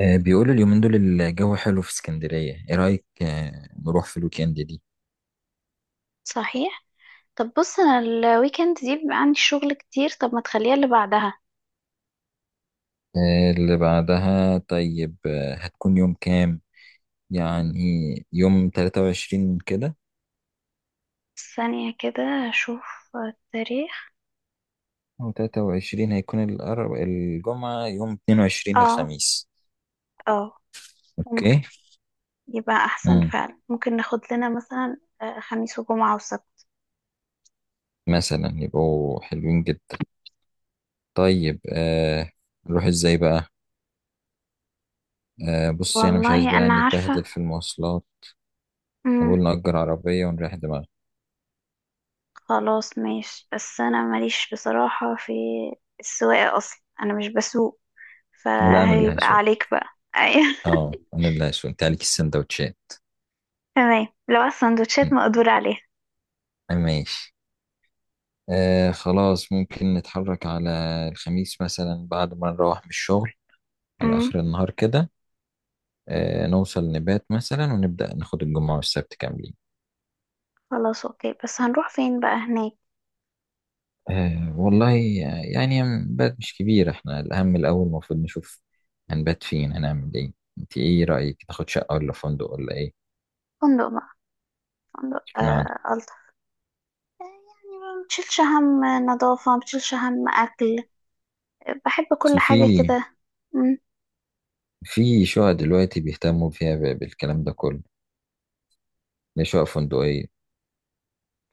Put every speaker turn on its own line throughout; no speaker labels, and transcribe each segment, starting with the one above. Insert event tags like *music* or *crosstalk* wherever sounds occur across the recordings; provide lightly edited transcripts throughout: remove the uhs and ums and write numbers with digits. بيقولوا اليومين دول الجو حلو في اسكندرية. ايه رأيك، نروح في الويكند دي؟
صحيح. طب بص، انا الويكند دي بيبقى عندي شغل كتير. طب ما تخليها اللي بعدها؟
اللي بعدها. طيب هتكون يوم كام؟ يعني يوم 23 كده،
ثانية كده، اشوف التاريخ.
او 23 هيكون الجمعة، يوم 22
اه،
الخميس.
اه، ممكن
اوكي.
يبقى احسن
امم
فعلا. ممكن ناخد لنا مثلا خميس وجمعة وسبت.
مثلا يبقوا حلوين جدا. طيب نروح ازاي بقى؟ بص، يعني مش عايز
والله
بقى
انا عارفة.
نتبهدل في المواصلات.
امم
نقول نأجر عربية ونريح دماغنا.
خلاص ماشي. بس انا ماليش بصراحة في السواقة، اصلا انا مش بسوق،
لا، انا اللي
فهيبقى *laughs*
هسوق.
عليك بقى. ايوه.
اه، انا اللي شفت عليك السندوتشات.
*laughs* تمام لو
م،
السندوتشات مقدور عليها.
ماشي. خلاص، ممكن نتحرك على الخميس مثلا بعد ما نروح من الشغل، على
امم
اخر النهار كده. نوصل نبات مثلا، ونبدأ ناخد الجمعة والسبت كاملين.
خلاص اوكي. بس هنروح فين بقى هناك؟
والله يعني نبات مش كبير، احنا الاهم الاول المفروض نشوف هنبات فين، هنعمل ايه. انت ايه رأيك، تاخد شقة ولا فندق ولا ايه؟
فندق، فندق آه
اشمعنى؟
ألطف. يعني ما بتشيلش هم نظافة، ما بتشيلش هم أكل، بحب كل
اصل
حاجة
في،
كده. مم.
شقق دلوقتي بيهتموا فيها بالكلام ده كله، اللي هي شقق فندقية.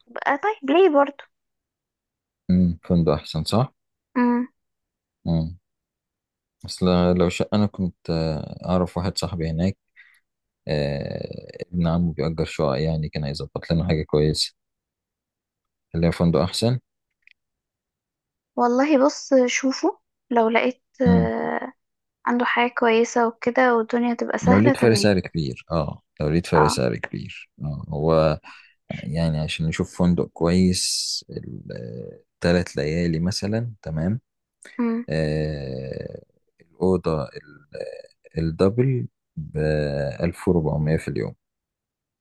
بقى طيب ليه برضو.
فندق احسن، صح؟
مم.
امم اصل لو شقه، انا كنت اعرف واحد صاحبي هناك، ابن عمه بيأجر شقق، يعني كان هيظبط لنا حاجه كويسه اللي هي فندق احسن.
والله بص شوفه. لو لقيت
امم
آه عنده حاجة كويسة وكده، والدنيا تبقى
لو
سهلة
لقيت فرق
تمام.
سعر كبير، اه،
اه.
هو يعني عشان نشوف فندق كويس ال 3 ليالي مثلا، تمام.
مم.
آه الأوضة الدبل ب 1400 في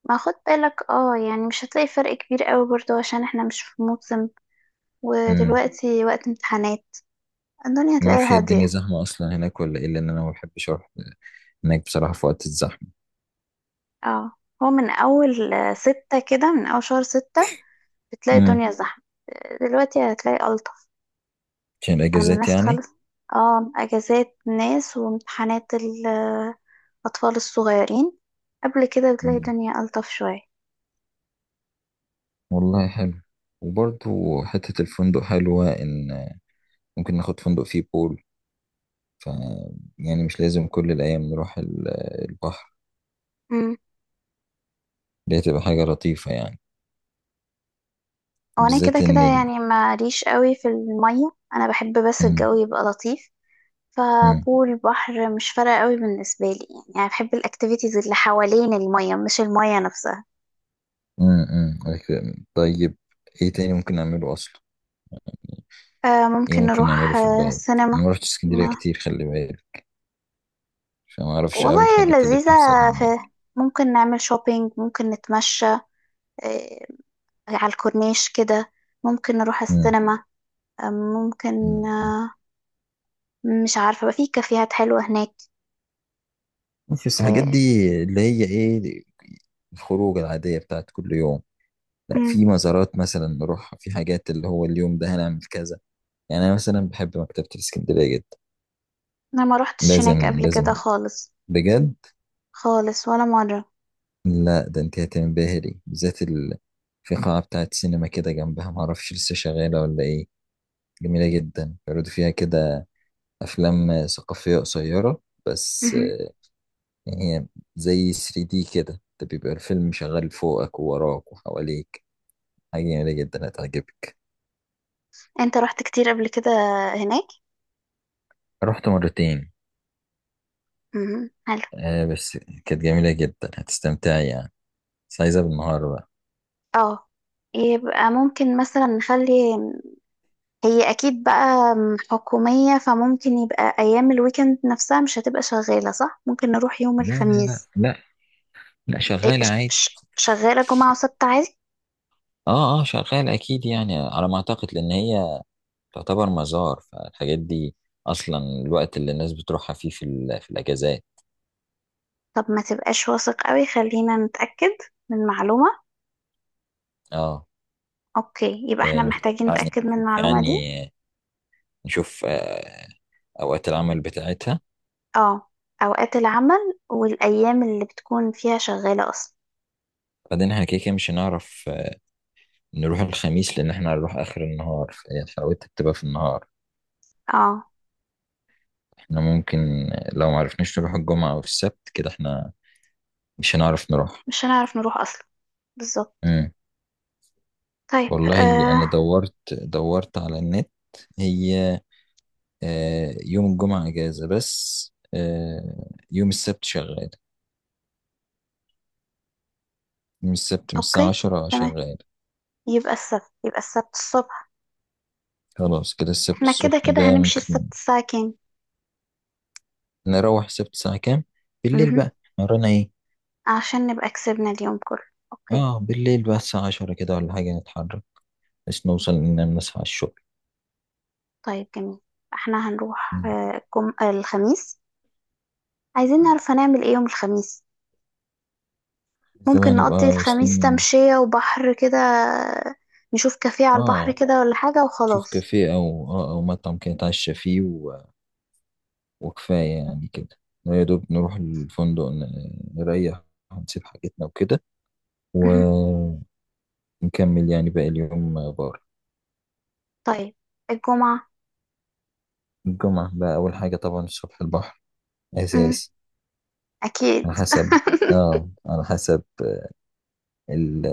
ما خد بالك، اه يعني مش هتلاقي فرق كبير قوي برضو عشان احنا مش في موسم،
اليوم.
ودلوقتي وقت امتحانات، الدنيا
ما اعرفش هي
هتلاقيها
الدنيا
هادية.
زحمه اصلا هناك ولا ايه، لان انا ما بحبش اروح هناك بصراحه في وقت الزحمه.
اه، هو من أول ستة كده، من أول شهر ستة بتلاقي
امم
الدنيا زحمة، دلوقتي هتلاقي ألطف.
عشان
أنا من
الاجازات
الناس
يعني.
خالص. اه، أجازات ناس وامتحانات الأطفال الصغيرين، قبل كده بتلاقي
مم.
الدنيا ألطف شوية.
والله حلو. وبرضو حته الفندق حلوه ان ممكن ناخد فندق فيه بول، ف يعني مش لازم كل الايام نروح البحر.
امم.
دي هتبقى حاجه لطيفه يعني.
وأنا كده
بالذات
كده
ان
يعني ماليش قوي في المية، أنا بحب بس
مم.
الجو يبقى لطيف،
مم.
فبول بحر مش فارقة قوي بالنسبة لي. يعني أنا بحب الأكتيفيتيز اللي حوالين المية مش المية نفسها.
مم. مم. طيب، ايه تاني ممكن نعمله اصلا؟
آه
ايه
ممكن
ممكن نعمله
نروح
في
آه
البلد؟
السينما.
انا ما رحتش اسكندريه كتير، خلي بالك، فما اعرفش قوي
والله
الحاجات اللي
لذيذة.
بتحصل
في، ممكن نعمل شوبينج، ممكن نتمشى آه، على الكورنيش كده، ممكن نروح
هناك.
السينما ممكن
مم.
مش عارفة بقى، في كافيهات حلوة هناك.
مش بس الحاجات
آه،
دي اللي هي ايه، الخروج العادية بتاعت كل يوم. لا،
مم.
في مزارات مثلا نروحها، في حاجات اللي هو اليوم ده هنعمل كذا. يعني انا مثلا بحب مكتبة الاسكندرية جدا.
أنا ما روحتش هناك
لازم،
قبل
لازم،
كده خالص،
بجد.
خالص ولا مرة.
لا ده انت هتنبهري، بالذات في قاعة بتاعت سينما كده جنبها، معرفش لسه شغالة ولا ايه. جميلة جدا، بيعرضوا فيها كده أفلام ثقافية قصيرة بس.
مهم.
يعني هي زي 3D كده، ده بيبقى الفيلم شغال فوقك ووراك وحواليك. حاجة جميلة جدا، هتعجبك.
أنت رحت كتير قبل كده هناك؟
رحت مرتين.
مهم. حلو.
بس كانت جميلة جدا، هتستمتعي يعني. بس عايزة بالنهار بقى.
اه، يبقى ممكن مثلا نخلي، هي اكيد بقى حكومية، فممكن يبقى ايام الويكند نفسها مش هتبقى شغالة صح، ممكن نروح يوم
لا لا لا
الخميس.
لا، لا
إيه،
شغال عادي.
شغالة جمعة وسبت عادي.
اه اه، شغال اكيد يعني، على ما اعتقد لان هي تعتبر مزار. فالحاجات دي اصلا الوقت اللي الناس بتروحها فيه في الاجازات.
طب ما تبقاش واثق قوي، خلينا نتأكد من معلومة.
اه،
اوكي يبقى احنا
نشوف
محتاجين
يعني،
نتأكد من المعلومة دي.
نشوف اوقات العمل بتاعتها.
اه، اوقات العمل والايام اللي بتكون فيها شغالة اصلا.
بعدين احنا كده كده مش هنعرف نروح الخميس، لان احنا هنروح اخر النهار فهي حلاوتها بتبقى في النهار.
اه،
احنا ممكن، لو معرفناش نروح الجمعة أو السبت كده، احنا مش هنعرف نروح.
مش هنعرف نروح اصلا، بالظبط.
امم
طيب.
والله
آه.
أنا دورت دورت على النت. هي يوم الجمعة إجازة، بس يوم السبت شغال. يوم السبت من الساعة
اوكي
عشرة
تمام،
شغال.
يبقى السبت، يبقى السبت الصبح.
خلاص كده، السبت
احنا كده
الصبح
كده
ده
هنمشي
ممكن.
السبت الساعة كام؟
نروح السبت الساعة كام؟ بالليل
مهم.
بقى ورانا ايه؟
عشان نبقى كسبنا اليوم كله. اوكي.
اه، بالليل بقى الساعة 10 كده ولا حاجة نتحرك، بس نوصل إن نصحى على الشغل.
طيب جميل. احنا هنروح
مم.
آه، الجم... آه، الخميس، عايزين نعرف هنعمل ايه يوم الخميس. ممكن
زمان
نقضي
نبقى
الخميس
واصلين.
تمشية وبحر كده، نشوف كافيه على البحر
اه،
كده ولا حاجة
شوف
وخلاص.
كافيه أو مطعم كده نتعشى فيه وكفاية يعني كده. يا دوب نروح الفندق، نريح، نسيب حاجتنا وكده،
مهم.
ونكمل يعني باقي اليوم بره.
طيب الجمعة.
الجمعة بقى، أول حاجة طبعا الصبح البحر،
مم.
أساسي.
أكيد.
على حسب، اه على حسب ال-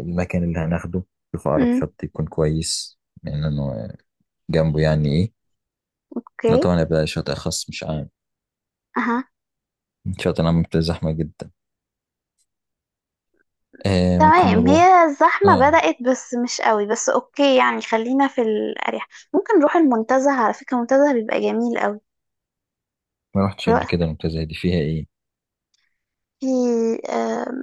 المكان اللي هناخده. شوف أقرب
مم.
شط يكون كويس، لأنه جنبه يعني إيه. ده
أوكي.
طبعا يبقى شاطئ خاص مش عام،
أها.
شاطئ عام بتبقى زحمة جدا. ممكن
تمام
نروح.
هي الزحمة
اه،
بدأت بس مش قوي، بس أوكي يعني خلينا في الأريح. ممكن نروح المنتزه. على فكرة المنتزه بيبقى جميل قوي.
ما رحتش قبل كده. منطقة زي دي فيها ايه؟
في آم،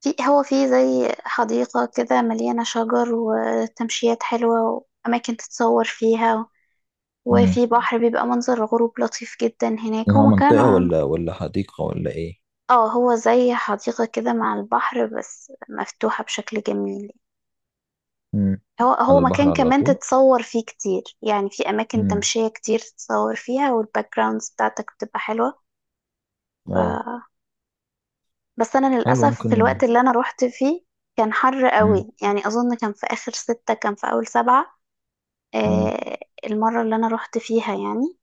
في، هو في زي حديقة كده مليانة شجر وتمشيات حلوة وأماكن تتصور فيها،
امم
وفي بحر بيبقى منظر غروب لطيف جدا هناك. هو
هو منطقة،
مكان،
ولا حديقة، ولا ايه؟
اه هو زي حديقة كده مع البحر بس مفتوحة بشكل جميل.
امم
هو
على
هو
البحر
مكان
على
كمان
طول.
تتصور فيه كتير، يعني في أماكن
امم
تمشية كتير تتصور فيها، والباك جراوندز بتاعتك بتبقى حلوة.
اه،
بس انا
حلو
للاسف في
ممكن.
الوقت اللي انا روحت فيه كان حر
مم.
قوي، يعني اظن كان في اخر ستة، كان في اول سبعة.
مم.
آه، المرة اللي انا روحت فيها يعني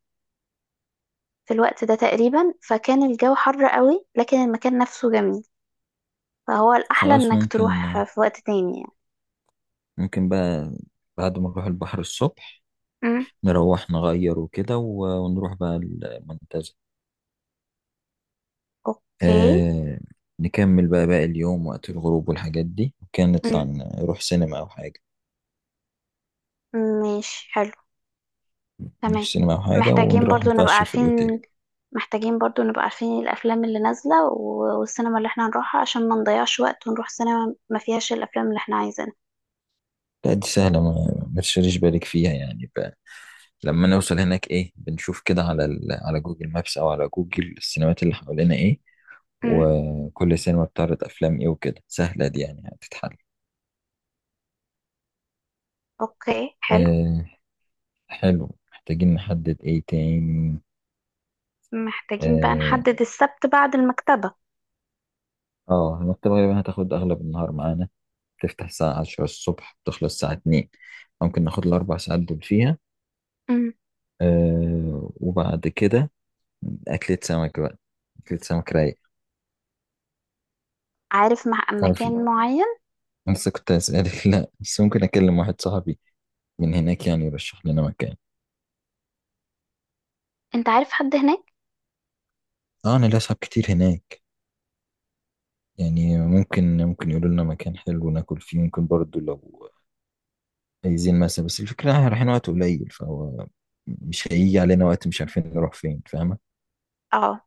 في الوقت ده تقريبا، فكان الجو حر قوي لكن المكان نفسه جميل، فهو الاحلى
خلاص
انك
ممكن،
تروح في وقت تاني يعني.
بقى بعد ما نروح البحر الصبح،
مم.
نروح نغير وكده ونروح بقى المنتزه.
اوكي.
آه نكمل بقى باقي اليوم وقت الغروب والحاجات دي، وكان نطلع
مم.
نروح سينما أو حاجة.
ماشي حلو.
نروح
تمام.
سينما أو حاجة،
محتاجين
ونروح
برضو نبقى
نتعشى في الأوتيل.
عارفين، محتاجين برضو نبقى عارفين الافلام اللي نازلة والسينما اللي احنا هنروحها عشان ما نضيعش وقت ونروح سينما ما فيهاش الافلام اللي احنا عايزينها.
لا دي سهلة، ما تشغليش بالك فيها يعني. لما نوصل هناك، ايه، بنشوف كده على جوجل مابس، او على جوجل السينمات اللي حوالينا ايه،
امم.
وكل سينما بتعرض افلام ايه وكده. سهلة دي يعني، هتتحل.
اوكي حلو.
آه حلو، محتاجين نحدد ايه تاني؟
محتاجين بقى
اه،
نحدد السبت بعد المكتبة.
المكتبة غالبا هتاخد اغلب النهار معانا، تفتح الساعة 10 الصبح بتخلص الساعة 2. ممكن ناخد ال 4 ساعات دول فيها.
امم.
وبعد كده اكلة سمك بقى، اكلة سمك رايق.
عارف مع
تعرفي،
مكان معين؟
أنا لسه كنت هسألك *laughs* لا بس ممكن أكلم واحد صاحبي من هناك، يعني يرشح لنا مكان.
انت عارف حد هناك؟
اه، نلاقي صحاب كتير هناك، يعني ممكن، يقولوا لنا مكان حلو ناكل فيه، ممكن برضو لو عايزين مثلا. بس الفكرة احنا رايحين وقت قليل، فهو مش هيجي علينا وقت مش عارفين نروح فين، فاهمة؟
اه،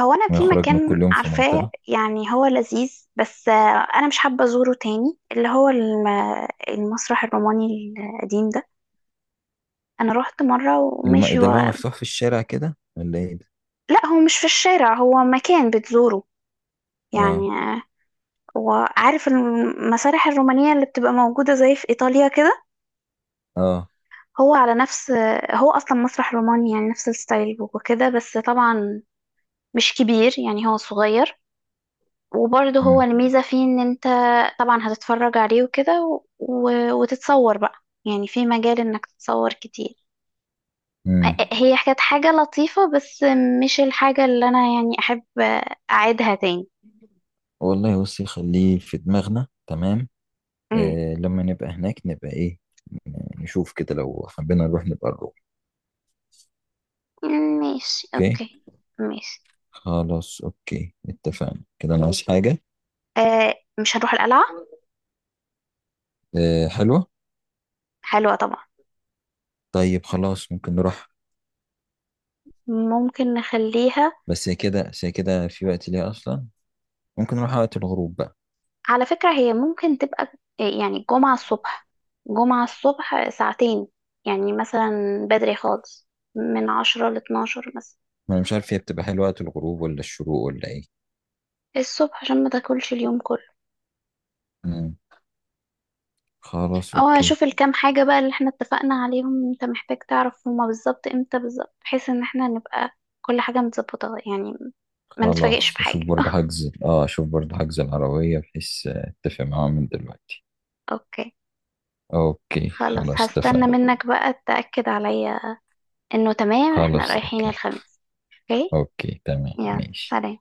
هو انا في
ونخرجنا
مكان
كل يوم في
عارفاه
منطقة.
يعني هو لذيذ بس انا مش حابة ازوره تاني، اللي هو المسرح الروماني القديم ده. انا روحت مرة وماشي
ده اللي هو
هو.
مفتوح في الشارع كده ولا ايه ده؟
لا، هو مش في الشارع، هو مكان بتزوره
اه
يعني وعارف المسارح الرومانية اللي بتبقى موجودة زي في ايطاليا كده.
اه،
هو على نفس، هو اصلا مسرح روماني يعني نفس الستايل وكده، بس طبعا مش كبير يعني هو صغير. وبرضه هو
امم
الميزة فيه ان انت طبعا هتتفرج عليه وكده و... و... وتتصور بقى، يعني في مجال انك تتصور كتير.
امم
هي كانت حاجة لطيفة بس مش الحاجة اللي انا يعني احب اعيدها تاني.
والله بصي خليه في دماغنا، تمام.
أمم.
لما نبقى هناك، نبقى ايه، نشوف كده لو حبينا نروح نبقى نروح.
ماشي
اوكي.
اوكي. ماشي.
خلاص أوكي، اتفقنا كده. أنا عايز حاجة.
آه، مش هنروح القلعة؟
حلوة.
حلوة طبعا.
طيب خلاص ممكن نروح.
ممكن نخليها.
بس هي كده في وقت ليها أصلا، ممكن نروح وقت الغروب بقى.
على فكرة هي ممكن تبقى، يعني جمعة الصبح، جمعة الصبح ساعتين، يعني مثلا بدري خالص، من 10 12 مثلا
ما أنا مش عارف هي بتبقى حلوة وقت الغروب ولا الشروق ولا إيه.
الصبح، عشان ما تاكلش اليوم كله.
مم. خلاص
اه،
أوكي.
اشوف الكام حاجة بقى اللي احنا اتفقنا عليهم، انت محتاج تعرف هما بالظبط، امتى بالظبط، بحيث ان احنا نبقى كل حاجة متظبطة يعني، ما نتفاجئش
خلاص،
بحاجة. *laughs*
أشوف برضه حجز العربية، بحيث أتفق معاهم من دلوقتي.
اوكي.
أوكي
خلاص
خلاص،
هستنى
اتفقنا.
منك بقى تأكد عليا انه تمام احنا
خلاص
رايحين
أوكي،
الخميس. اوكي.
أوكي تمام
يلا
ماشي.
سلام.